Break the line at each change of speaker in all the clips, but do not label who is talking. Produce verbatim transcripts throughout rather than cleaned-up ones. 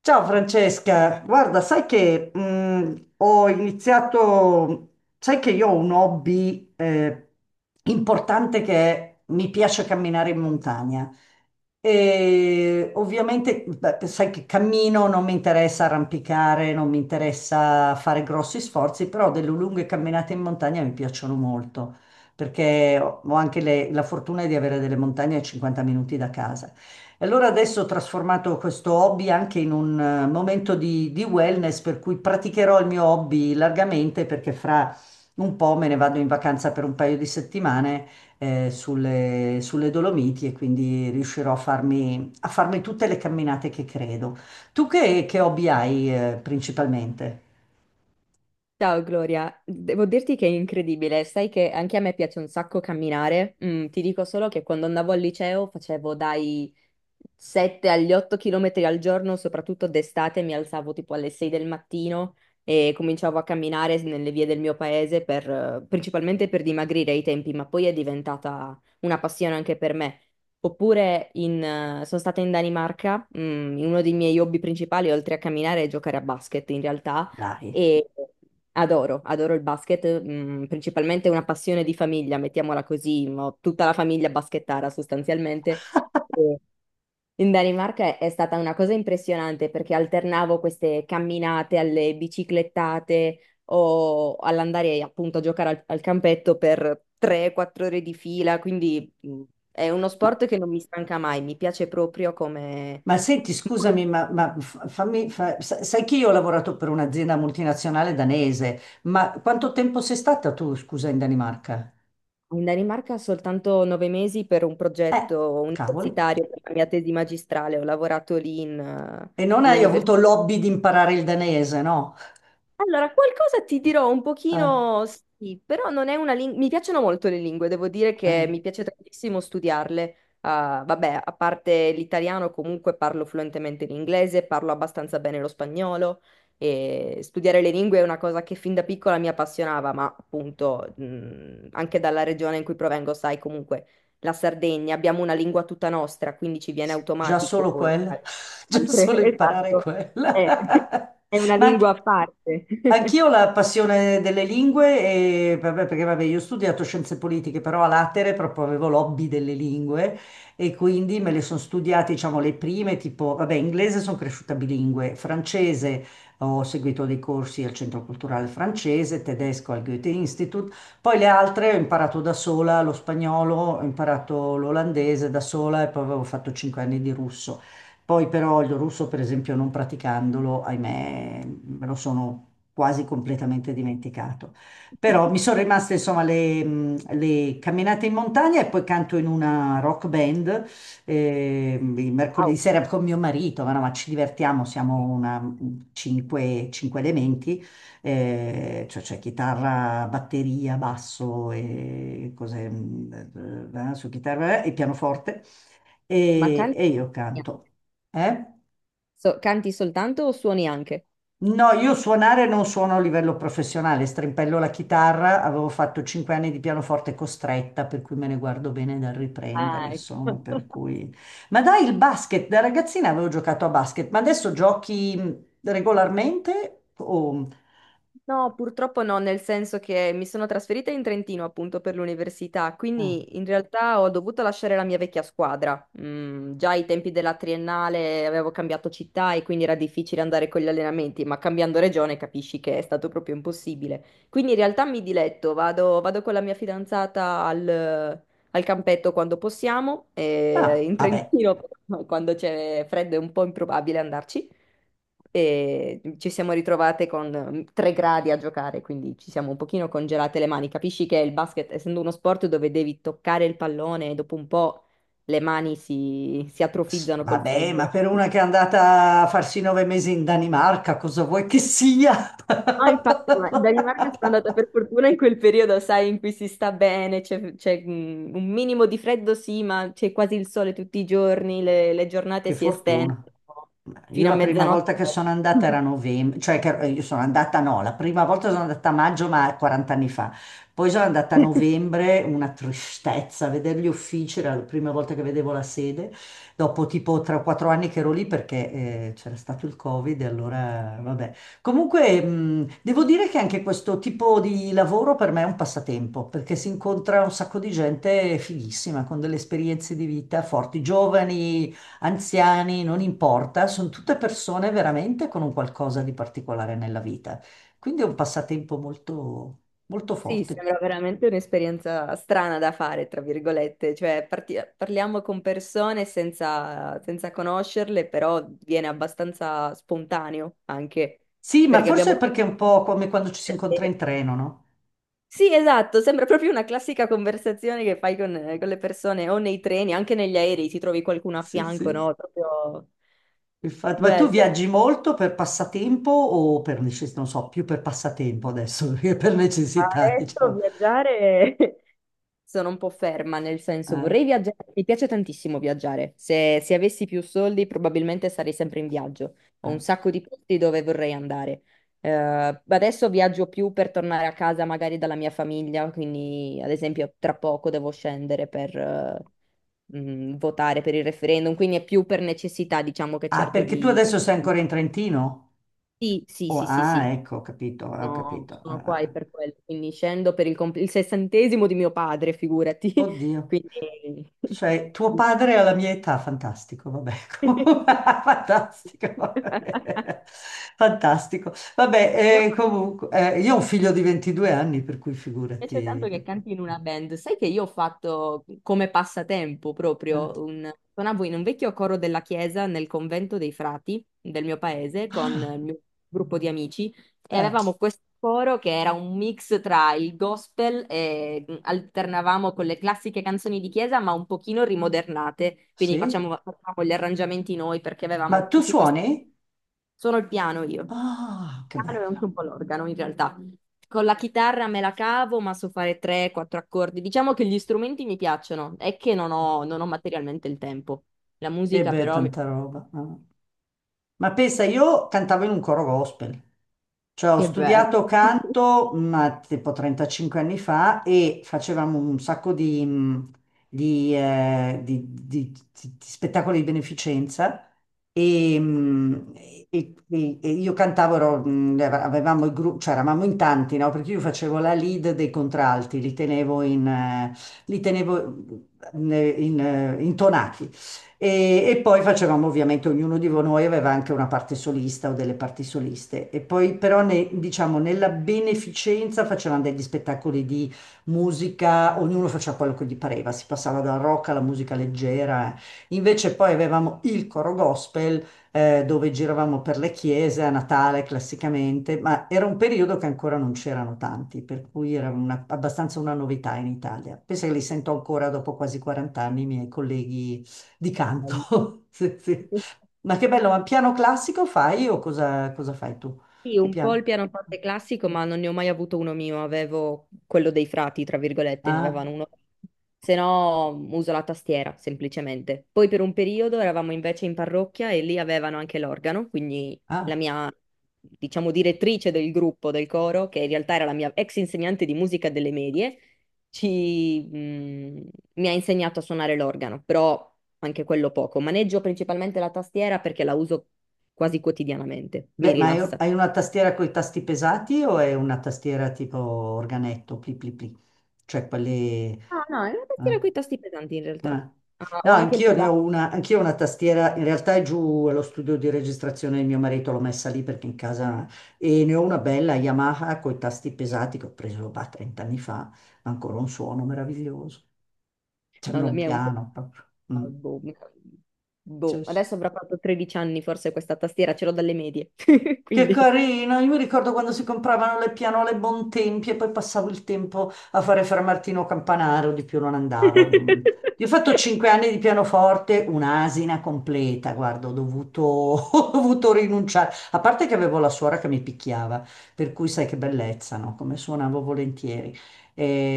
Ciao Francesca, guarda, sai che mh, ho iniziato, sai che io ho un hobby eh, importante che è- mi piace camminare in montagna. E ovviamente, beh, sai che cammino, non mi interessa arrampicare, non mi interessa fare grossi sforzi, però delle lunghe camminate in montagna mi piacciono molto, perché ho ho anche le- la fortuna di avere delle montagne a cinquanta minuti da casa. E allora adesso ho trasformato questo hobby anche in un eh, momento di, di wellness, per cui praticherò il mio hobby largamente perché fra un po' me ne vado in vacanza per un paio di settimane eh, sulle, sulle Dolomiti e quindi riuscirò a farmi, a farmi tutte le camminate che credo. Tu che, che hobby hai eh, principalmente?
Ciao Gloria, devo dirti che è incredibile, sai che anche a me piace un sacco camminare. Mm, ti dico solo che quando andavo al liceo facevo dai sette agli otto chilometri al giorno, soprattutto d'estate, mi alzavo tipo alle sei del mattino e cominciavo a camminare nelle vie del mio paese per, eh, principalmente per dimagrire ai tempi, ma poi è diventata una passione anche per me. Oppure in, eh, sono stata in Danimarca. Mm, uno dei miei hobby principali, oltre a camminare, è giocare a basket in realtà
Dai.
e adoro, adoro il basket. Mm, principalmente è una passione di famiglia, mettiamola così, ho tutta la famiglia basketara sostanzialmente. In Danimarca è è stata una cosa impressionante perché alternavo queste camminate alle biciclettate o all'andare appunto a giocare al, al campetto per tre a quattro ore di fila, quindi mh, è uno sport che non mi stanca mai, mi piace proprio come...
Ma senti, scusami, ma, ma f- fammi, fa- sa- sai che io ho lavorato per un'azienda multinazionale danese, ma quanto tempo sei stata tu, scusa, in Danimarca?
In Danimarca soltanto nove mesi per un
Eh,
progetto
cavoli.
universitario per la mia tesi magistrale, ho lavorato lì in, eh,
E non hai
all'università.
avuto l'hobby di imparare il danese, no?
Allora, qualcosa ti dirò un
Eh,
pochino, sì, però non è una lingua. Mi piacciono molto le lingue, devo dire che
eh.
mi piace tantissimo studiarle. Ah, vabbè, a parte l'italiano, comunque parlo fluentemente l'inglese, parlo abbastanza bene lo spagnolo e studiare le lingue è una cosa che fin da piccola mi appassionava, ma appunto, mh, anche dalla regione in cui provengo, sai, comunque la Sardegna, abbiamo una lingua tutta nostra, quindi ci viene
Sì, già
automatico
solo
poi
quella,
fare
già
altre.
solo imparare
Esatto.
quella.
Eh. È una
Ma anche-
lingua a parte.
anch'io ho la passione delle lingue, e, vabbè, perché vabbè, io ho studiato scienze politiche, però a latere proprio avevo l'hobby delle lingue e quindi me le sono studiate, diciamo, le prime, tipo, vabbè, inglese sono cresciuta bilingue, francese ho seguito dei corsi al Centro Culturale Francese, tedesco al Goethe-Institut, poi le altre ho imparato da sola, lo spagnolo, ho imparato l'olandese da sola e poi avevo fatto cinque anni di russo. Poi però il russo, per esempio, non praticandolo, ahimè, me lo sono quasi completamente dimenticato. Però mi sono rimaste insomma le, mh, le camminate in montagna e poi canto in una rock band eh, il mercoledì
Wow,
sera con mio marito, ma, no, ma ci divertiamo, siamo una, cinque, cinque elementi, eh, cioè c'è chitarra, batteria, basso e cose, mm, eh, eh, su chitarra eh, e pianoforte,
ma
e,
canti,
e io canto. Eh?
so- canti soltanto o suoni anche?
No, io suonare non suono a livello professionale, strimpello la chitarra, avevo fatto cinque anni di pianoforte costretta, per cui me ne guardo bene da riprendere,
Ah,
insomma,
ecco.
per cui. Ma dai, il basket, da ragazzina avevo giocato a basket, ma adesso giochi mm, regolarmente o... mm,
No, purtroppo no, nel senso che mi sono trasferita in Trentino appunto per l'università,
Ah,
quindi in realtà ho dovuto lasciare la mia vecchia squadra. Mm, già ai tempi della triennale avevo cambiato città e quindi era difficile andare con gli allenamenti, ma cambiando regione capisci che è stato proprio impossibile. Quindi in realtà mi diletto, vado, vado con la mia fidanzata al, al campetto quando possiamo, e
ah,
in
vabbè.
Trentino quando c'è freddo è un po' improbabile andarci e ci siamo ritrovate con tre gradi a giocare, quindi ci siamo un pochino congelate le mani. Capisci che il basket, essendo uno sport dove devi toccare il pallone, dopo un po' le mani si, si
S-
atrofizzano col
Vabbè, ma
freddo.
per una che è andata a farsi nove mesi in Danimarca, cosa vuoi che sia?
No, infatti, ma in Danimarca sono andata per fortuna in quel periodo, sai, in cui si sta bene, c'è c'è, mm, un minimo di freddo, sì, ma c'è quasi il sole tutti i giorni, le, le giornate
Che
si estendono
fortuna. Io
fino a
la prima
mezzanotte.
volta che sono andata era novembre, cioè che eh, io sono andata, no, la prima volta sono andata a maggio ma quaranta anni fa, poi sono andata a novembre, una tristezza, a vedere gli uffici, era la prima volta che vedevo la sede, dopo tipo tre quattro anni che ero lì perché eh, c'era stato il Covid e allora vabbè. Comunque mh, devo dire che anche questo tipo di lavoro per me è un passatempo, perché si incontra un sacco di gente fighissima, con delle esperienze di vita forti, giovani, anziani, non importa, sono tutte persone veramente con un qualcosa di particolare nella vita. Quindi è un passatempo molto, molto
Sì,
forte.
sembra veramente un'esperienza strana da fare, tra virgolette, cioè parti- parliamo con persone senza, senza conoscerle, però viene abbastanza spontaneo anche,
Sì, ma
perché
forse
abbiamo...
perché è un po' come quando ci si incontra in treno, no?
Sì, esatto, sembra proprio una classica conversazione che fai con, con le persone o nei treni, anche negli aerei, ti trovi qualcuno a
Sì,
fianco,
sì.
no? Proprio
Infatti, ma tu
bello.
viaggi molto per passatempo o per necessità? Non so, più per passatempo adesso che per necessità,
Adesso
diciamo.
viaggiare. Sono un po' ferma, nel senso
Eh,
vorrei viaggiare, mi piace tantissimo viaggiare. Se, se avessi più soldi probabilmente sarei sempre in viaggio. Ho un
eh.
sacco di posti dove vorrei andare. Eh, adesso viaggio più per tornare a casa magari dalla mia famiglia, quindi ad esempio tra poco devo scendere per eh, mh, votare per il referendum, quindi è più per necessità, diciamo che
Ah,
cerco
perché tu
di...
adesso sei ancora in Trentino?
Sì, sì,
Oh,
sì, sì,
ah,
sì,
ecco, ho capito, ho
sono,
capito. Ah,
sono
ah,
qua e
ah.
per quello, quindi scendo per il, comp- il sessantesimo di mio padre, figurati.
Oddio.
Quindi...
Cioè, tuo padre alla mia età, fantastico, vabbè, fantastico,
Però
vabbè. Fantastico.
mi
Vabbè, eh, comunque, eh, io ho un figlio di ventidue anni, per cui
piace tanto
figurati.
che
che-
canti in una band. Sai che io ho fatto come passatempo proprio un... Suonavo in un vecchio coro della chiesa nel convento dei frati del mio paese con
Ah,
il mio gruppo di amici e
eh,
avevamo questo coro che era un mix tra il gospel e mh, alternavamo con le classiche canzoni di chiesa, ma un pochino rimodernate, quindi
sì?
facciamo, facevamo gli arrangiamenti noi perché
Ma
avevamo
tu
tutti questi...
suoni?
Sono il piano io, il
Ah, che
piano e anche
bello.
un po' l'organo in realtà. Con la chitarra me la cavo, ma so fare tre quattro accordi. Diciamo che gli strumenti mi piacciono, è che non ho, non ho materialmente il tempo. La
E
musica
beh,
però mi...
tanta roba. Ah. Ma pensa, io cantavo in un coro gospel, cioè ho
Che bello!
studiato canto, ma tipo trentacinque anni fa e facevamo un sacco di, mh, di, eh, di- di- di- di spettacoli di beneficenza e, mh, e- e- e io cantavo, ero, mh, avevamo il gruppo, cioè eravamo in tanti, no? Perché io facevo la lead dei contralti, li tenevo in, eh, li tenevo mm, in, eh, in, eh, intonati. E, e poi facevamo ovviamente, ognuno di noi aveva anche una parte solista o delle parti soliste. E poi però ne- diciamo, nella beneficenza facevamo degli spettacoli di musica, ognuno faceva quello che gli pareva, si passava dal rock alla musica leggera. Invece poi avevamo il coro gospel, eh, dove giravamo per le chiese a Natale classicamente, ma era un periodo che ancora non c'erano tanti, per cui era una- abbastanza una novità in Italia. Penso che li sento ancora dopo quasi quaranta anni, i miei colleghi di canto.
Bello.
Sì, sì. Ma che bello, ma piano classico fai o cosa, cosa fai tu?
Sì,
Che
un po' il
piano?
pianoforte classico, ma non ne ho mai avuto uno mio, avevo quello dei frati, tra virgolette, ne
Ah,
avevano uno. Se no uso la tastiera, semplicemente. Poi per un periodo eravamo invece in parrocchia e lì avevano anche l'organo, quindi la
ah.
mia, diciamo, direttrice del gruppo, del coro, che in realtà era la mia ex insegnante di musica delle medie, ci, mh, mi ha insegnato a suonare l'organo, però anche quello poco. Maneggio principalmente la tastiera perché la uso quasi quotidianamente, mi
Beh, ma hai
rilassa.
hai una tastiera con i tasti pesati o è una tastiera tipo organetto, pli pli pli? Cioè quelle.
Ah, no, è una tastiera
Ah.
con i tasti pesanti in realtà.
Eh.
Ah,
No,
ho anche il
anch'io ne
pedale.
ho una, anch'io ho una tastiera, in realtà è giù allo studio di registrazione di mio marito, l'ho messa lì perché in casa e ne ho una bella Yamaha con i tasti pesati che ho preso bah, trenta anni fa, ma ancora un suono meraviglioso,
No,
sembra
la
un
mia è un po'...
piano proprio.
Ah,
Mm.
boh, boh.
Sì, sì.
Adesso avrà fatto tredici anni forse questa tastiera, ce l'ho dalle medie,
Che
quindi...
carino, io mi ricordo quando si compravano le pianole Bontempi e poi passavo il tempo a fare Fra Martino Campanaro, di più non andavo. Mm. Io ho fatto cinque anni di pianoforte, un'asina completa, guarda, ho dovuto, ho dovuto rinunciare, a parte che avevo la suora che mi picchiava, per cui sai che bellezza, no? Come suonavo volentieri.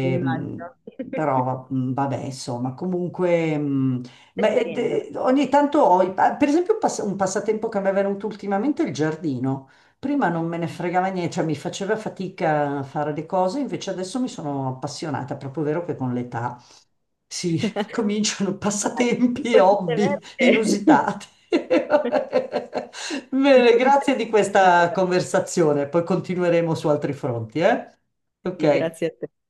Immagino.
Però va- mm, vabbè, insomma, comunque... mm, ma, eh,
Esperienza.
de- ogni tanto ho, i- ah, per esempio, un pass- un passatempo che mi è venuto ultimamente è il giardino. Prima non me ne fregava niente, cioè mi faceva fatica a fare le cose, invece adesso mi sono appassionata, è proprio vero che con l'età si cominciano
Dai, il
passatempi e
pollice
hobby
verde.
inusitati.
Il
Bene,
pollice...
grazie di
Sì,
questa
vabbè,
conversazione, poi continueremo su altri fronti, eh?
sì,
Ok.
grazie a te.